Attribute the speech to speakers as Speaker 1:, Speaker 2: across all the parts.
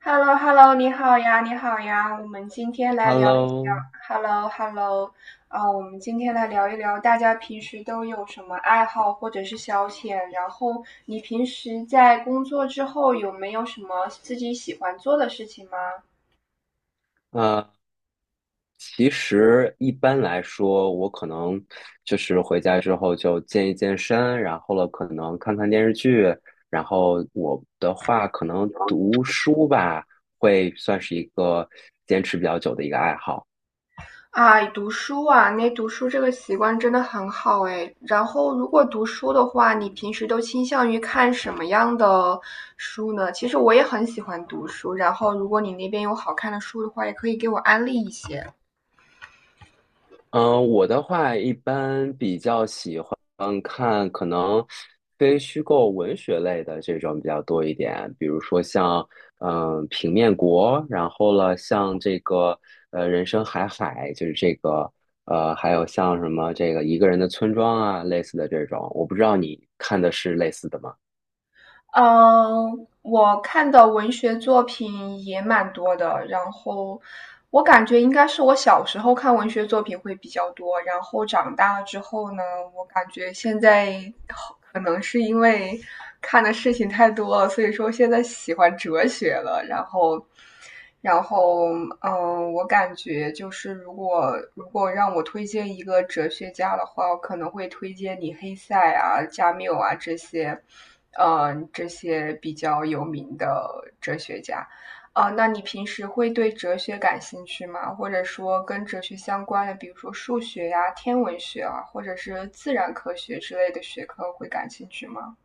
Speaker 1: h e l l o h e l l o 你好呀，你好呀，我们今天来聊一聊。
Speaker 2: Hello，
Speaker 1: h e l l o h e l l o。 啊，我们今天来聊一聊大家平时都有什么爱好或者是消遣，然后你平时在工作之后有没有什么自己喜欢做的事情吗？
Speaker 2: 呃，其实一般来说，我可能就是回家之后就健一健身，然后了可能看看电视剧，然后我的话可能读书吧，会算是一个坚持比较久的一个爱好。
Speaker 1: 哎，读书啊，那读书这个习惯真的很好哎。然后，如果读书的话，你平时都倾向于看什么样的书呢？其实我也很喜欢读书，然后如果你那边有好看的书的话，也可以给我安利一些。
Speaker 2: 我的话一般比较喜欢看可能非虚构文学类的这种比较多一点，比如说像平面国，然后了像这个人生海海，就是这个还有像什么这个一个人的村庄啊类似的这种，我不知道你看的是类似的吗？
Speaker 1: 嗯，我看的文学作品也蛮多的，然后我感觉应该是我小时候看文学作品会比较多，然后长大了之后呢，我感觉现在可能是因为看的事情太多了，所以说现在喜欢哲学了。然后，我感觉就是如果让我推荐一个哲学家的话，我可能会推荐你黑塞啊、加缪啊这些，这些比较有名的哲学家。啊，那你平时会对哲学感兴趣吗？或者说跟哲学相关的，比如说数学呀、天文学啊，或者是自然科学之类的学科会感兴趣吗？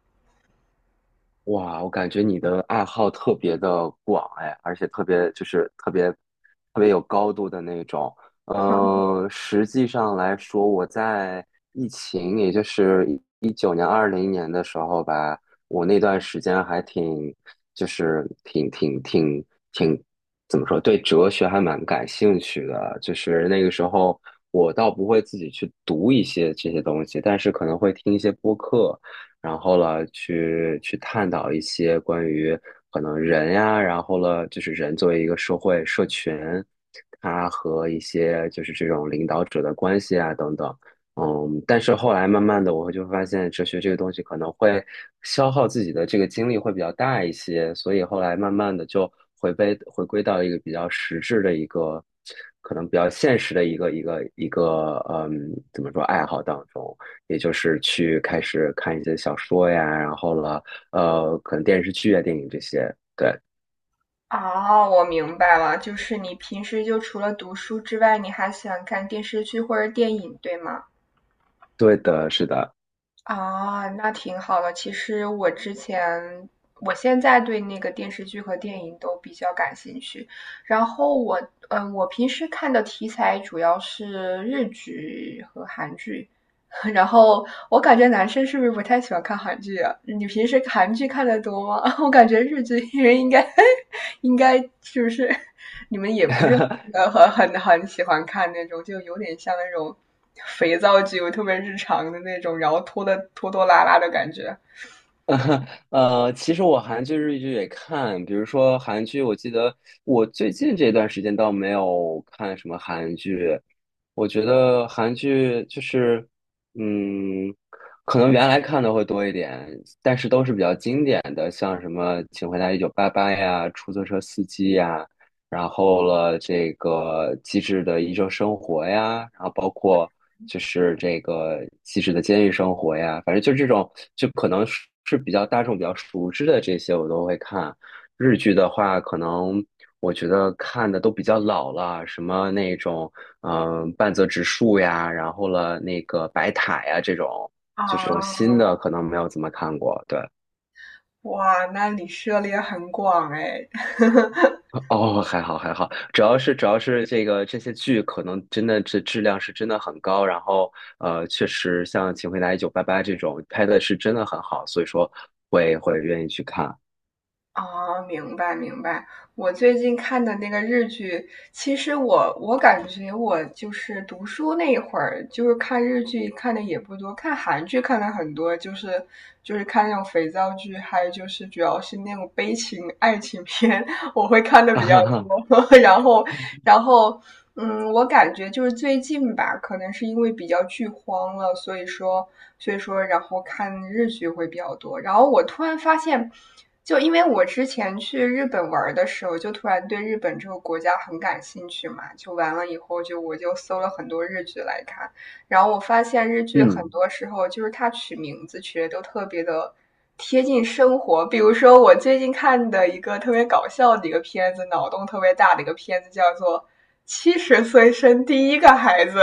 Speaker 2: 哇，我感觉你的爱好特别的广哎，而且特别就是特别特别有高度的那种。实际上来说，我在疫情，也就是19年、20年的时候吧，我那段时间还挺，就是挺,怎么说，对哲学还蛮感兴趣的。就是那个时候，我倒不会自己去读一些这些东西，但是可能会听一些播客。然后了去探讨一些关于可能人呀，然后了就是人作为一个社会社群，它和一些就是这种领导者的关系啊等等。嗯，但是后来慢慢的，我会就发现哲学这个东西可能会消耗自己的这个精力会比较大一些，所以后来慢慢的就回归到一个比较实质的一个，可能比较现实的一个一个，怎么说爱好当中。也就是去开始看一些小说呀，然后了，可能电视剧啊、电影这些。对，
Speaker 1: 哦，我明白了，就是你平时就除了读书之外，你还喜欢看电视剧或者电影，对吗？
Speaker 2: 对的，是的。
Speaker 1: 啊，那挺好的。其实我之前，我现在对那个电视剧和电影都比较感兴趣。然后我，我平时看的题材主要是日剧和韩剧。然后我感觉男生是不是不太喜欢看韩剧啊？你平时韩剧看的多吗？我感觉日剧人应该是不是你们也不是很喜欢看那种，就有点像那种肥皂剧，特别日常的那种，然后拖拖拉拉的感觉
Speaker 2: 其实我韩剧、日剧也看，比如说韩剧，我记得我最近这段时间倒没有看什么韩剧。我觉得韩剧就是，嗯，可能原来看的会多一点，但是都是比较经典的，像什么《请回答一九八八》呀，《出租车司机》呀，然后了这个《机智的医生生活》呀，然后包括。就是这个细致的监狱生活呀，反正就这种，就可能是比较大众、比较熟知的这些，我都会看。日剧的话，可能我觉得看的都比较老了，什么那种嗯、半泽直树呀，然后了那个白塔呀这种，
Speaker 1: 啊。
Speaker 2: 就这种新的可能没有怎么看过。对，
Speaker 1: 哇，那你涉猎很广哎。
Speaker 2: 哦，还好还好，主要是这个这些剧可能真的这质量是真的很高，然后确实像《请回答一九八八》这种拍的是真的很好，所以说会愿意去看。
Speaker 1: 哦，明白明白。我最近看的那个日剧，其实我感觉我就是读书那一会儿，就是看日剧看的也不多，看韩剧看的很多，就是看那种肥皂剧，还有就是主要是那种悲情爱情片，我会看 的
Speaker 2: 啊
Speaker 1: 比较
Speaker 2: 哈哈，
Speaker 1: 多。然后，然后，我感觉就是最近吧，可能是因为比较剧荒了，所以说，然后看日剧会比较多。然后我突然发现，就因为我之前去日本玩的时候，就突然对日本这个国家很感兴趣嘛，就完了以后就我就搜了很多日剧来看，然后我发现日剧很
Speaker 2: 嗯，
Speaker 1: 多时候就是它取名字取的都特别的贴近生活。比如说我最近看的一个特别搞笑的一个片子，脑洞特别大的一个片子，叫做《七十岁生第一个孩子》。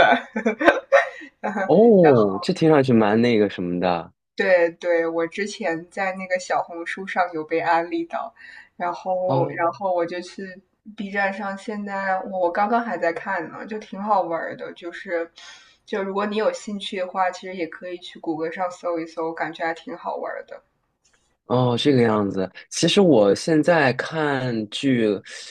Speaker 1: 然
Speaker 2: 哦，这听上去蛮那个什么的
Speaker 1: 对对，我之前在那个小红书上有被安利到，然后
Speaker 2: 哦。
Speaker 1: 然后我就去 B 站上，现在我刚刚还在看呢，就挺好玩儿的，就如果你有兴趣的话，其实也可以去谷歌上搜一搜，感觉还挺好玩儿的。
Speaker 2: 哦，这个样子。其实我现在看剧，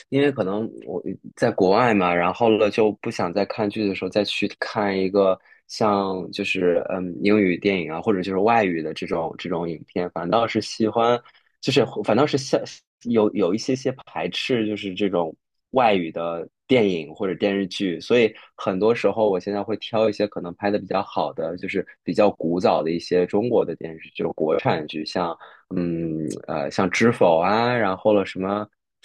Speaker 2: 因为可能我在国外嘛，然后了就不想在看剧的时候再去看一个像就是英语电影啊，或者就是外语的这种这种影片，反倒是喜欢，就是反倒是像有一些些排斥，就是这种外语的电影或者电视剧。所以很多时候我现在会挑一些可能拍的比较好的，就是比较古早的一些中国的电视剧，就是国产剧，像。像《知否》啊，然后了什么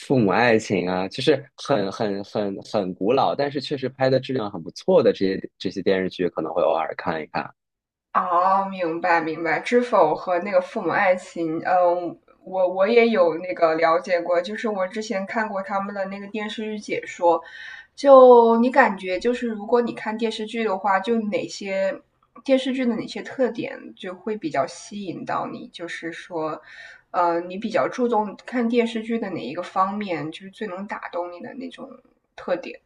Speaker 2: 《父母爱情》啊，就是很古老，但是确实拍的质量很不错的这些这些电视剧，可能会偶尔看一看。
Speaker 1: 哦，明白明白，知否和那个父母爱情，嗯，我也有那个了解过，就是我之前看过他们的那个电视剧解说。就你感觉就是如果你看电视剧的话，就哪些电视剧的哪些特点就会比较吸引到你，就是说，你比较注重看电视剧的哪一个方面，就是最能打动你的那种特点。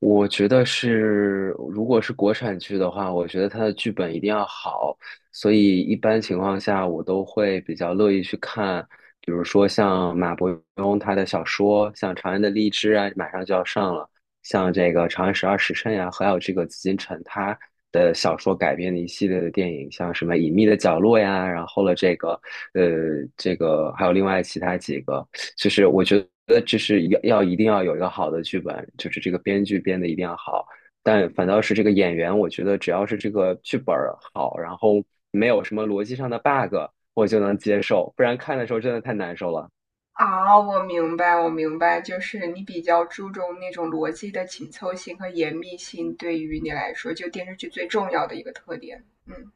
Speaker 2: 我觉得是，如果是国产剧的话，我觉得它的剧本一定要好，所以一般情况下我都会比较乐意去看，比如说像马伯庸他的小说，像《长安的荔枝》啊，马上就要上了，像这个《长安十二时辰》呀，还有这个紫禁城他的小说改编的一系列的电影，像什么《隐秘的角落》呀，然后了这个，呃，这个还有另外其他几个。就是我觉得这是要一定要有一个好的剧本，就是这个编剧编的一定要好，但反倒是这个演员，我觉得只要是这个剧本儿好，然后没有什么逻辑上的 bug,我就能接受，不然看的时候真的太难受了。
Speaker 1: 啊，我明白，我明白，就是你比较注重那种逻辑的紧凑性和严密性，对于你来说，就电视剧最重要的一个特点。嗯。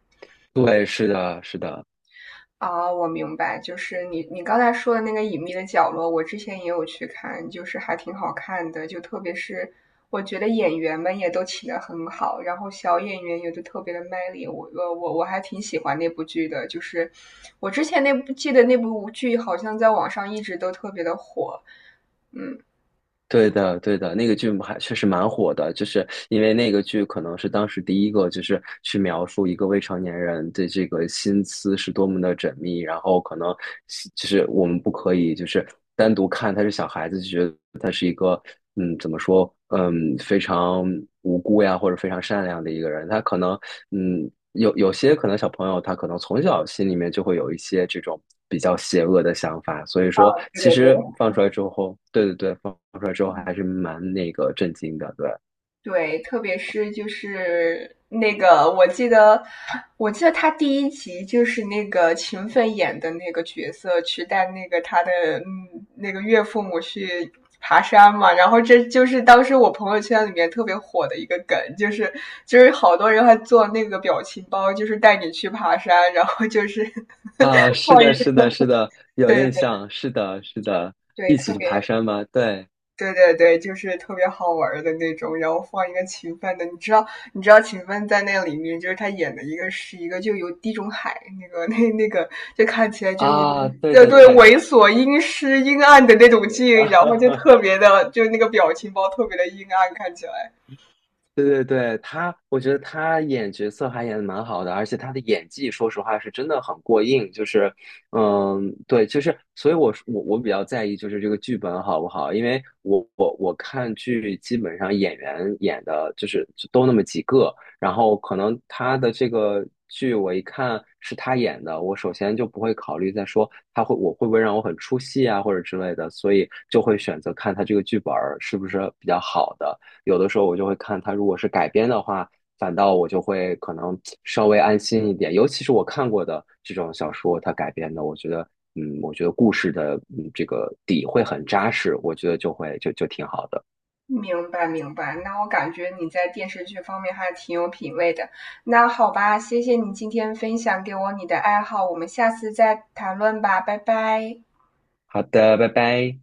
Speaker 2: 对，是的，是的。
Speaker 1: 啊，我明白，就是你刚才说的那个《隐秘的角落》，我之前也有去看，就是还挺好看的，就特别是我觉得演员们也都请的很好，然后小演员也都特别的卖力，我还挺喜欢那部剧的，就是我之前记得那部剧好像在网上一直都特别的火，嗯。
Speaker 2: 对的，对的，那个剧还确实蛮火的，就是因为那个剧可能是当时第一个，就是去描述一个未成年人的这个心思是多么的缜密，然后可能就是我们不可以就是单独看他是小孩子，就觉得他是一个怎么说非常无辜呀，或者非常善良的一个人，他可能有些可能小朋友他可能从小心里面就会有一些这种。比较邪恶的想法，所以
Speaker 1: 啊，
Speaker 2: 说
Speaker 1: 对
Speaker 2: 其
Speaker 1: 对对
Speaker 2: 实放出来之后，对对对，放出来之后还是蛮那个震惊的，对
Speaker 1: 对，特别是就是那个，我记得，我记得他第一集就是那个秦奋演的那个角色去带那个他的那个岳父母去爬山嘛，然后这就是当时我朋友圈里面特别火的一个梗，就是好多人还做那个表情包，就是带你去爬山，然后就是
Speaker 2: 啊，是
Speaker 1: 放一
Speaker 2: 的，是的，是的，有
Speaker 1: 对
Speaker 2: 印
Speaker 1: 对
Speaker 2: 象，是的，是的，
Speaker 1: 对，
Speaker 2: 一起
Speaker 1: 特
Speaker 2: 去
Speaker 1: 别。
Speaker 2: 爬山吗？对
Speaker 1: 对对对，就是特别好玩儿的那种，然后放一个秦奋的，你知道，你知道秦奋在那里面就是他演的一个是一个就有地中海那个 那个，就看起来就
Speaker 2: 啊，对
Speaker 1: 对
Speaker 2: 对
Speaker 1: 对
Speaker 2: 对，
Speaker 1: 猥琐、阴湿、阴暗的那种
Speaker 2: 哈
Speaker 1: 劲，然后就特
Speaker 2: 哈。
Speaker 1: 别的，就那个表情包特别的阴暗，看起来。
Speaker 2: 对对对，他，我觉得他演角色还演的蛮好的，而且他的演技，说实话是真的很过硬。就是，对，就是，所以我比较在意就是这个剧本好不好，因为我看剧基本上演员演的就是就都那么几个，然后可能他的这个剧我一看是他演的，我首先就不会考虑再说他会我会不会让我很出戏啊或者之类的，所以就会选择看他这个剧本儿是不是比较好的。有的时候我就会看它，如果是改编的话，反倒我就会可能稍微安心一点。尤其是我看过的这种小说，它改编的，我觉得，我觉得故事的，这个底会很扎实，我觉得就会就就挺好的。
Speaker 1: 明白明白，那我感觉你在电视剧方面还挺有品味的。那好吧，谢谢你今天分享给我你的爱好，我们下次再谈论吧，拜拜。
Speaker 2: 好的，拜拜。